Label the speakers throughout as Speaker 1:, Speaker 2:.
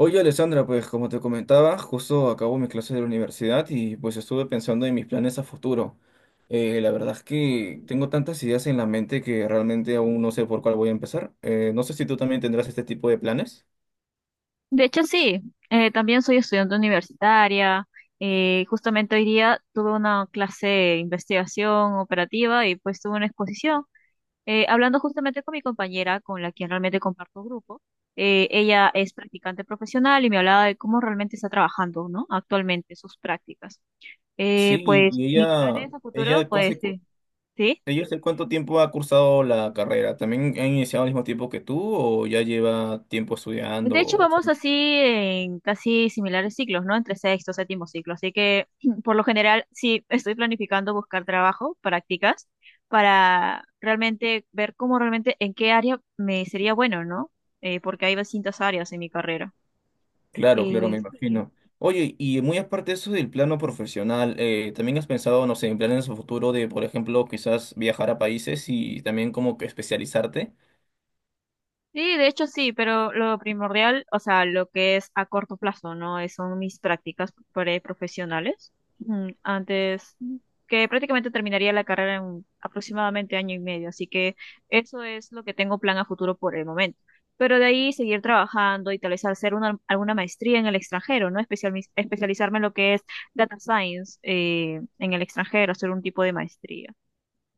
Speaker 1: Oye, Alessandra, pues como te comentaba, justo acabo mi clase de la universidad y pues estuve pensando en mis planes a futuro. La verdad es que tengo tantas ideas en la mente que realmente aún no sé por cuál voy a empezar. No sé si tú también tendrás este tipo de planes.
Speaker 2: De hecho, sí, también soy estudiante universitaria. Justamente hoy día tuve una clase de investigación operativa y pues tuve una exposición. Hablando justamente con mi compañera, con la que realmente comparto grupo, ella es practicante profesional y me hablaba de cómo realmente está trabajando, ¿no? Actualmente sus prácticas.
Speaker 1: Sí, y,
Speaker 2: Pues
Speaker 1: y
Speaker 2: mis planes a futuro,
Speaker 1: ella, ¿cu-
Speaker 2: pues
Speaker 1: hace cu-
Speaker 2: sí. ¿Sí?
Speaker 1: ella hace cuánto tiempo ha cursado la carrera? ¿También ha iniciado al mismo tiempo que tú o ya lleva tiempo
Speaker 2: De hecho,
Speaker 1: estudiando?
Speaker 2: vamos así en casi similares ciclos, ¿no? Entre sexto, séptimo ciclo. Así que, por lo general, sí estoy planificando buscar trabajo, prácticas, para realmente ver cómo realmente, en qué área me sería bueno, ¿no? Porque hay distintas áreas en mi carrera.
Speaker 1: Claro, claro, me
Speaker 2: Sí.
Speaker 1: imagino. Oye, y muy aparte de eso del plano profesional, ¿también has pensado, no sé, en planes a futuro de, por ejemplo, quizás viajar a países y también como que especializarte?
Speaker 2: Sí, de hecho sí, pero lo primordial, o sea, lo que es a corto plazo, ¿no? Son mis prácticas preprofesionales. mm, Antes, mm, que prácticamente terminaría la carrera en aproximadamente año y medio, así que eso es lo que tengo plan a futuro por el momento. Pero de ahí seguir trabajando y tal vez hacer una, alguna maestría en el extranjero, ¿no? Especializarme en lo que es data science en el extranjero, hacer un tipo de maestría.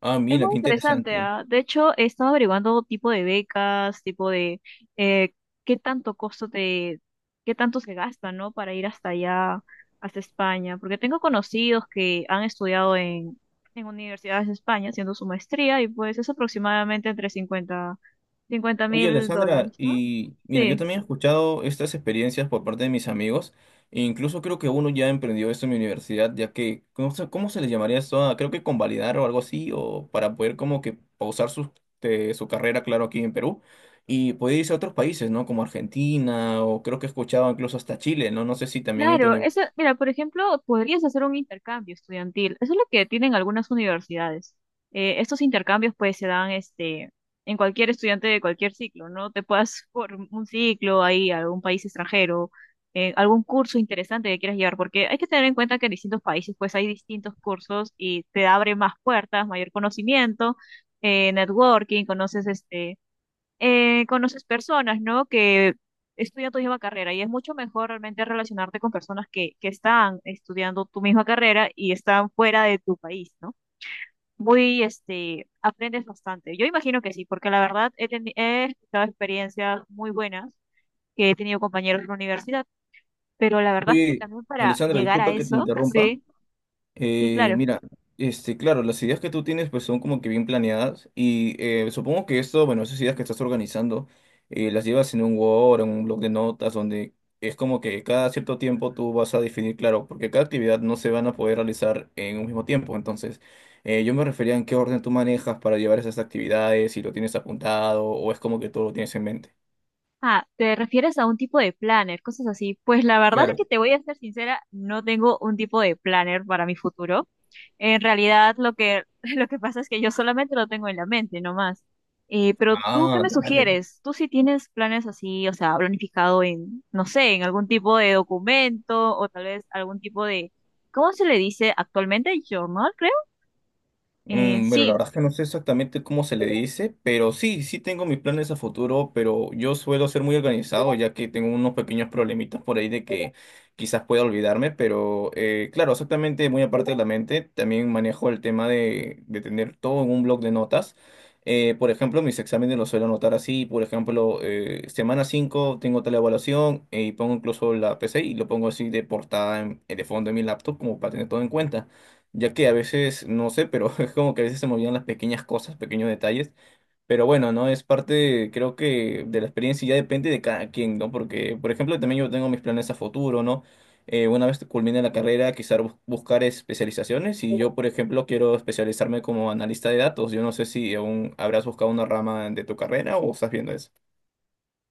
Speaker 1: Ah,
Speaker 2: Es
Speaker 1: mira,
Speaker 2: muy
Speaker 1: qué
Speaker 2: interesante,
Speaker 1: interesante.
Speaker 2: ¿ah? De hecho, he estado averiguando tipo de becas, tipo de eh, qué tanto costo te, qué tanto se gasta, ¿no? Para ir hasta allá, hasta España. Porque tengo conocidos que han estudiado en universidades de España haciendo su maestría y pues es aproximadamente entre cincuenta cincuenta
Speaker 1: Oye,
Speaker 2: mil
Speaker 1: Alessandra,
Speaker 2: dólares, ¿no?
Speaker 1: y mira, yo
Speaker 2: Sí.
Speaker 1: también he escuchado estas experiencias por parte de mis amigos, e incluso creo que uno ya emprendió esto en mi universidad, ya que, ¿cómo se le llamaría esto? Ah, creo que convalidar o algo así, o para poder como que pausar su carrera, claro, aquí en Perú, y poder irse a otros países, ¿no? Como Argentina, o creo que he escuchado incluso hasta Chile, ¿no? No sé si también en tu
Speaker 2: Claro, eso,
Speaker 1: universidad.
Speaker 2: mira, por ejemplo, podrías hacer un intercambio estudiantil. Eso es lo que tienen algunas universidades. Estos intercambios pues se dan en cualquier estudiante de cualquier ciclo, ¿no? Te puedas por un ciclo ahí a algún país extranjero, algún curso interesante que quieras llevar, porque hay que tener en cuenta que en distintos países pues hay distintos cursos y te abre más puertas, mayor conocimiento, networking, conoces personas, ¿no? Que estudian tu misma carrera y es mucho mejor realmente relacionarte con personas que están estudiando tu misma carrera y están fuera de tu país, ¿no? Muy, aprendes bastante. Yo imagino que sí, porque la verdad he escuchado experiencias muy buenas que he tenido compañeros en la universidad, pero la verdad es que
Speaker 1: Oye,
Speaker 2: también para
Speaker 1: Alessandra,
Speaker 2: llegar a
Speaker 1: disculpa que te
Speaker 2: eso,
Speaker 1: interrumpa.
Speaker 2: sí, sí, claro.
Speaker 1: Mira, este, claro, las ideas que tú tienes pues son como que bien planeadas y supongo que esto, bueno, esas ideas que estás organizando las llevas en un Word, en un blog de notas donde es como que cada cierto tiempo tú vas a definir, claro, porque cada actividad no se van a poder realizar en un mismo tiempo, entonces yo me refería en qué orden tú manejas para llevar esas actividades, si lo tienes apuntado o es como que todo lo tienes en mente.
Speaker 2: Ah, ¿te refieres a un tipo de planner, cosas así? Pues la verdad es que
Speaker 1: Claro.
Speaker 2: te voy a ser sincera, no tengo un tipo de planner para mi futuro. En realidad, lo que, lo que pasa es que yo solamente lo tengo en la mente, no más. Pero tú, ¿qué
Speaker 1: Ah,
Speaker 2: me
Speaker 1: dale.
Speaker 2: sugieres? ¿Tú sí tienes planes así, o sea, planificado en, no sé, en algún tipo de documento o tal vez algún tipo de, ¿cómo se le dice actualmente? Journal, creo.
Speaker 1: Bueno, la
Speaker 2: Sí.
Speaker 1: verdad es que no sé exactamente cómo se le dice, pero sí, sí tengo mis planes a futuro, pero yo suelo ser muy organizado, ya que tengo unos pequeños problemitas por ahí de que quizás pueda olvidarme, pero claro, exactamente, muy aparte de la mente, también manejo el tema de tener todo en un bloc de notas. Por ejemplo, mis exámenes los suelo anotar así, por ejemplo, semana 5 tengo tal evaluación y pongo incluso la PC y lo pongo así de portada de fondo en mi laptop como para tener todo en cuenta ya que a veces, no sé, pero es como que a veces se me olvidan las pequeñas cosas, pequeños detalles, pero bueno, ¿no? Es parte, creo que de la experiencia y ya depende de cada quien, ¿no? Porque, por ejemplo, también yo tengo mis planes a futuro, ¿no? Una vez que culmine la carrera, quizás buscar especializaciones y yo, por ejemplo, quiero especializarme como analista de datos. Yo no sé si aún habrás buscado una rama de tu carrera o estás viendo eso.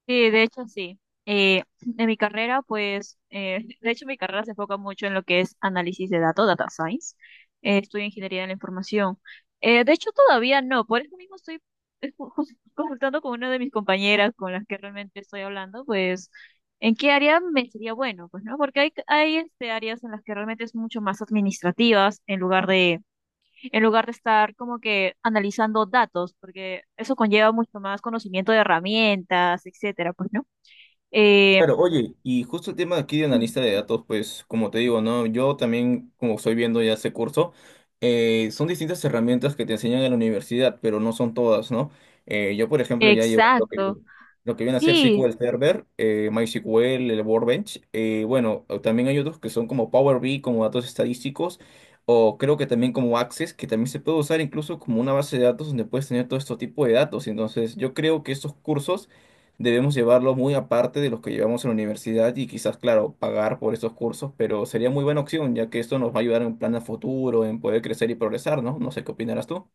Speaker 2: Sí, de hecho sí. Eh, en mi carrera, pues, de hecho mi carrera se enfoca mucho en lo que es análisis de datos, data science. Estudio ingeniería de la información. De hecho todavía no, por eso mismo estoy consultando con una de mis compañeras con las que realmente estoy hablando, pues, en qué área me sería bueno, pues, ¿no? Porque hay áreas en las que realmente es mucho más administrativas en lugar de, estar como que analizando datos, porque eso conlleva mucho más conocimiento de herramientas, etcétera, pues, ¿no? Eh,
Speaker 1: Claro, oye, y justo el tema de aquí de analista de datos, pues como te digo, ¿no? Yo también, como estoy viendo ya ese curso, son distintas herramientas que te enseñan en la universidad, pero no son todas, ¿no? Yo, por ejemplo, ya llevo lo que,
Speaker 2: exacto.
Speaker 1: lo que viene a ser
Speaker 2: Sí,
Speaker 1: SQL Server, MySQL, el Workbench, bueno, o también hay otros que son como Power BI, como datos estadísticos, o creo que también como Access, que también se puede usar incluso como una base de datos donde puedes tener todo este tipo de datos. Entonces, yo creo que estos cursos debemos llevarlo muy aparte de los que llevamos en la universidad y quizás, claro, pagar por esos cursos, pero sería muy buena opción, ya que esto nos va a ayudar en plan a futuro, en poder crecer y progresar, ¿no? No sé qué opinarás tú.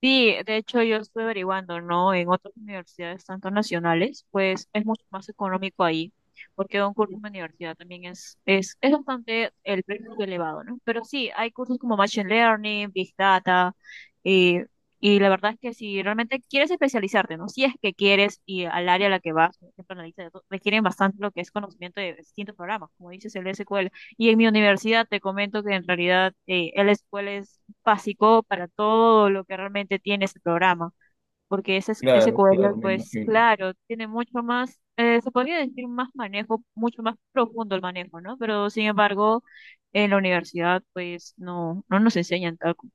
Speaker 2: sí, de hecho yo estuve averiguando, ¿no? En otras universidades, tanto nacionales, pues es mucho más económico ahí, porque un curso en la universidad también es bastante, el precio es elevado, ¿no? Pero sí, hay cursos como Machine Learning, Big Data, y, y la verdad es que si realmente quieres especializarte, ¿no? Si es que quieres y al área a la que vas, por ejemplo, analista de datos, requieren bastante lo que es conocimiento de distintos programas, como dices el SQL. Y en mi universidad te comento que en realidad el SQL es básico para todo lo que realmente tiene ese programa, porque ese, ese
Speaker 1: Claro,
Speaker 2: cuadro,
Speaker 1: claro, me
Speaker 2: pues
Speaker 1: imagino.
Speaker 2: claro, tiene mucho más, se podría decir más manejo, mucho más profundo el manejo, ¿no? Pero sin embargo, en la universidad, pues no, no nos enseñan tal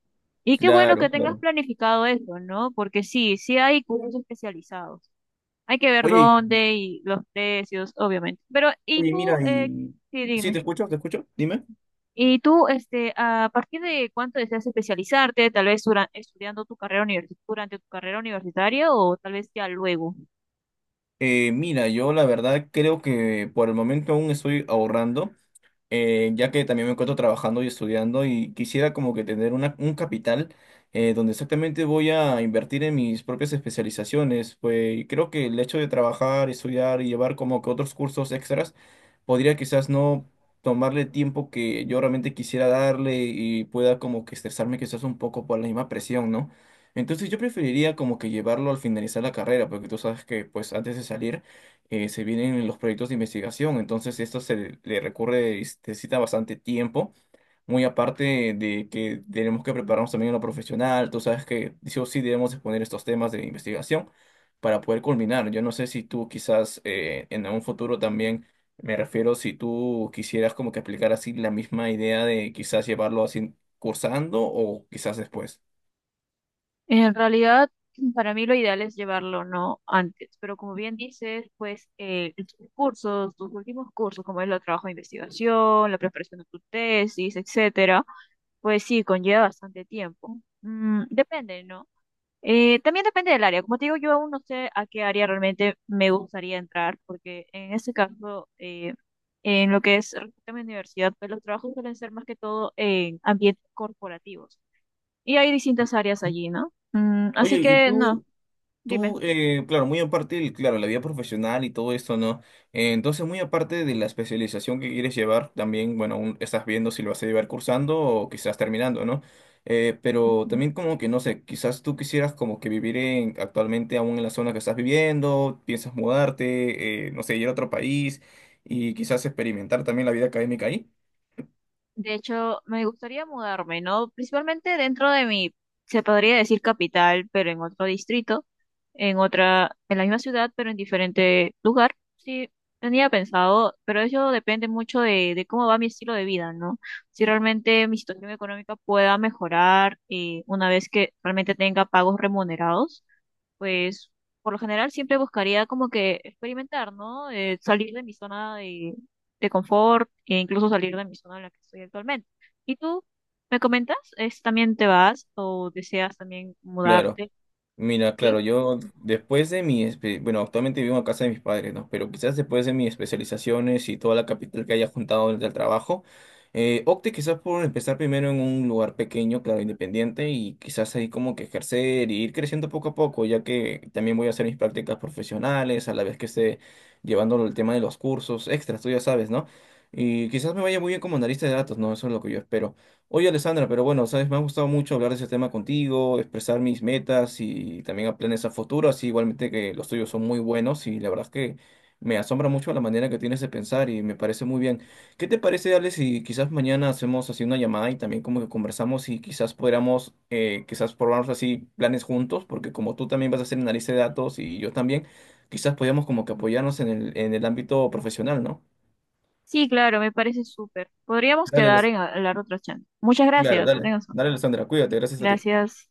Speaker 2: y qué bueno
Speaker 1: Claro,
Speaker 2: que tengas
Speaker 1: claro.
Speaker 2: planificado eso, ¿no? Porque sí, sí hay cursos especializados. Hay que ver
Speaker 1: Oye,
Speaker 2: dónde y los precios, obviamente. Pero, ¿y
Speaker 1: oye,
Speaker 2: tú?
Speaker 1: mira,
Speaker 2: Sí,
Speaker 1: Sí,
Speaker 2: dime.
Speaker 1: te escucho, dime.
Speaker 2: Y tú, ¿a partir de cuánto deseas especializarte? Tal vez estudiando tu carrera durante tu carrera universitaria o tal vez ya luego.
Speaker 1: Mira, yo la verdad creo que por el momento aún estoy ahorrando. Ya que también me encuentro trabajando y estudiando y quisiera como que tener una, un capital donde exactamente voy a invertir en mis propias especializaciones. Pues y creo que el hecho de trabajar, estudiar y llevar como que otros cursos extras podría quizás no tomarle tiempo que yo realmente quisiera darle y pueda como que estresarme quizás un poco por la misma presión, ¿no? Entonces yo preferiría como que llevarlo al finalizar la carrera, porque tú sabes que pues antes de salir se vienen los proyectos de investigación, entonces esto se le recurre, y se necesita bastante tiempo, muy aparte de que tenemos que prepararnos también en lo profesional, tú sabes que sí o sí debemos exponer estos temas de investigación para poder culminar. Yo no sé si tú quizás en un futuro también, me refiero si tú quisieras como que aplicar así la misma idea de quizás llevarlo así cursando o quizás después.
Speaker 2: En realidad, para mí lo ideal es llevarlo no antes, pero como bien dices, pues tus cursos, tus últimos cursos, como es el trabajo de investigación, la preparación de tu tesis, etcétera, pues sí, conlleva bastante tiempo. Depende, ¿no? También depende del área. Como te digo, yo aún no sé a qué área realmente me gustaría entrar, porque en ese caso, en lo que es respecto a mi universidad, pues los trabajos suelen ser más que todo en ambientes corporativos. Y hay distintas áreas allí, ¿no? Así
Speaker 1: Oye,
Speaker 2: que, no, dime.
Speaker 1: Tú, claro, muy aparte, claro, la vida profesional y todo esto, ¿no? Entonces, muy aparte de la especialización que quieres llevar, también, bueno, aún estás viendo si lo vas a llevar cursando o quizás terminando, ¿no? Pero
Speaker 2: Ujú.
Speaker 1: también como que, no sé, quizás tú quisieras como que vivir en, actualmente aún en la zona que estás viviendo, piensas mudarte, no sé, ir a otro país y quizás experimentar también la vida académica ahí.
Speaker 2: De hecho, me gustaría mudarme, ¿no? Principalmente dentro de mi, se podría decir capital, pero en otro distrito. En otra, en la misma ciudad, pero en diferente lugar. Sí, tenía pensado, pero eso depende mucho de cómo va mi estilo de vida, ¿no? Si realmente mi situación económica pueda mejorar una vez que realmente tenga pagos remunerados, pues por lo general siempre buscaría como que experimentar, ¿no? Salir de mi zona de confort e incluso salir de mi zona en la que estoy actualmente. ¿Y tú me comentas? ¿También te vas o deseas también
Speaker 1: Claro.
Speaker 2: mudarte?
Speaker 1: Mira, claro,
Speaker 2: ¿Sí?
Speaker 1: yo después de bueno, actualmente vivo en casa de mis padres, ¿no? Pero quizás después de mis especializaciones y toda la capital que haya juntado durante el trabajo, opte quizás por empezar primero en un lugar pequeño, claro, independiente, y quizás ahí como que ejercer y ir creciendo poco a poco, ya que también voy a hacer mis prácticas profesionales, a la vez que esté llevando el tema de los cursos extras, tú ya sabes, ¿no? Y quizás me vaya muy bien como analista de datos, ¿no? Eso es lo que yo espero. Oye, Alessandra, pero bueno, sabes, me ha gustado mucho hablar de ese tema contigo, expresar mis metas y también a planes a futuro, así igualmente que los tuyos son muy buenos y la verdad es que me asombra mucho la manera que tienes de pensar y me parece muy bien. ¿Qué te parece, Ale, si quizás mañana hacemos así una llamada y también como que conversamos y quizás podamos, quizás probarnos así planes juntos, porque como tú también vas a hacer análisis de datos y yo también, quizás podamos como que apoyarnos en el ámbito profesional, ¿no?
Speaker 2: Sí, claro, me parece súper. Podríamos
Speaker 1: Dale,
Speaker 2: quedar en hablar otra chance. Muchas
Speaker 1: Claro,
Speaker 2: gracias, que
Speaker 1: dale.
Speaker 2: tengas.
Speaker 1: Dale, Alessandra, cuídate, gracias a ti.
Speaker 2: Gracias.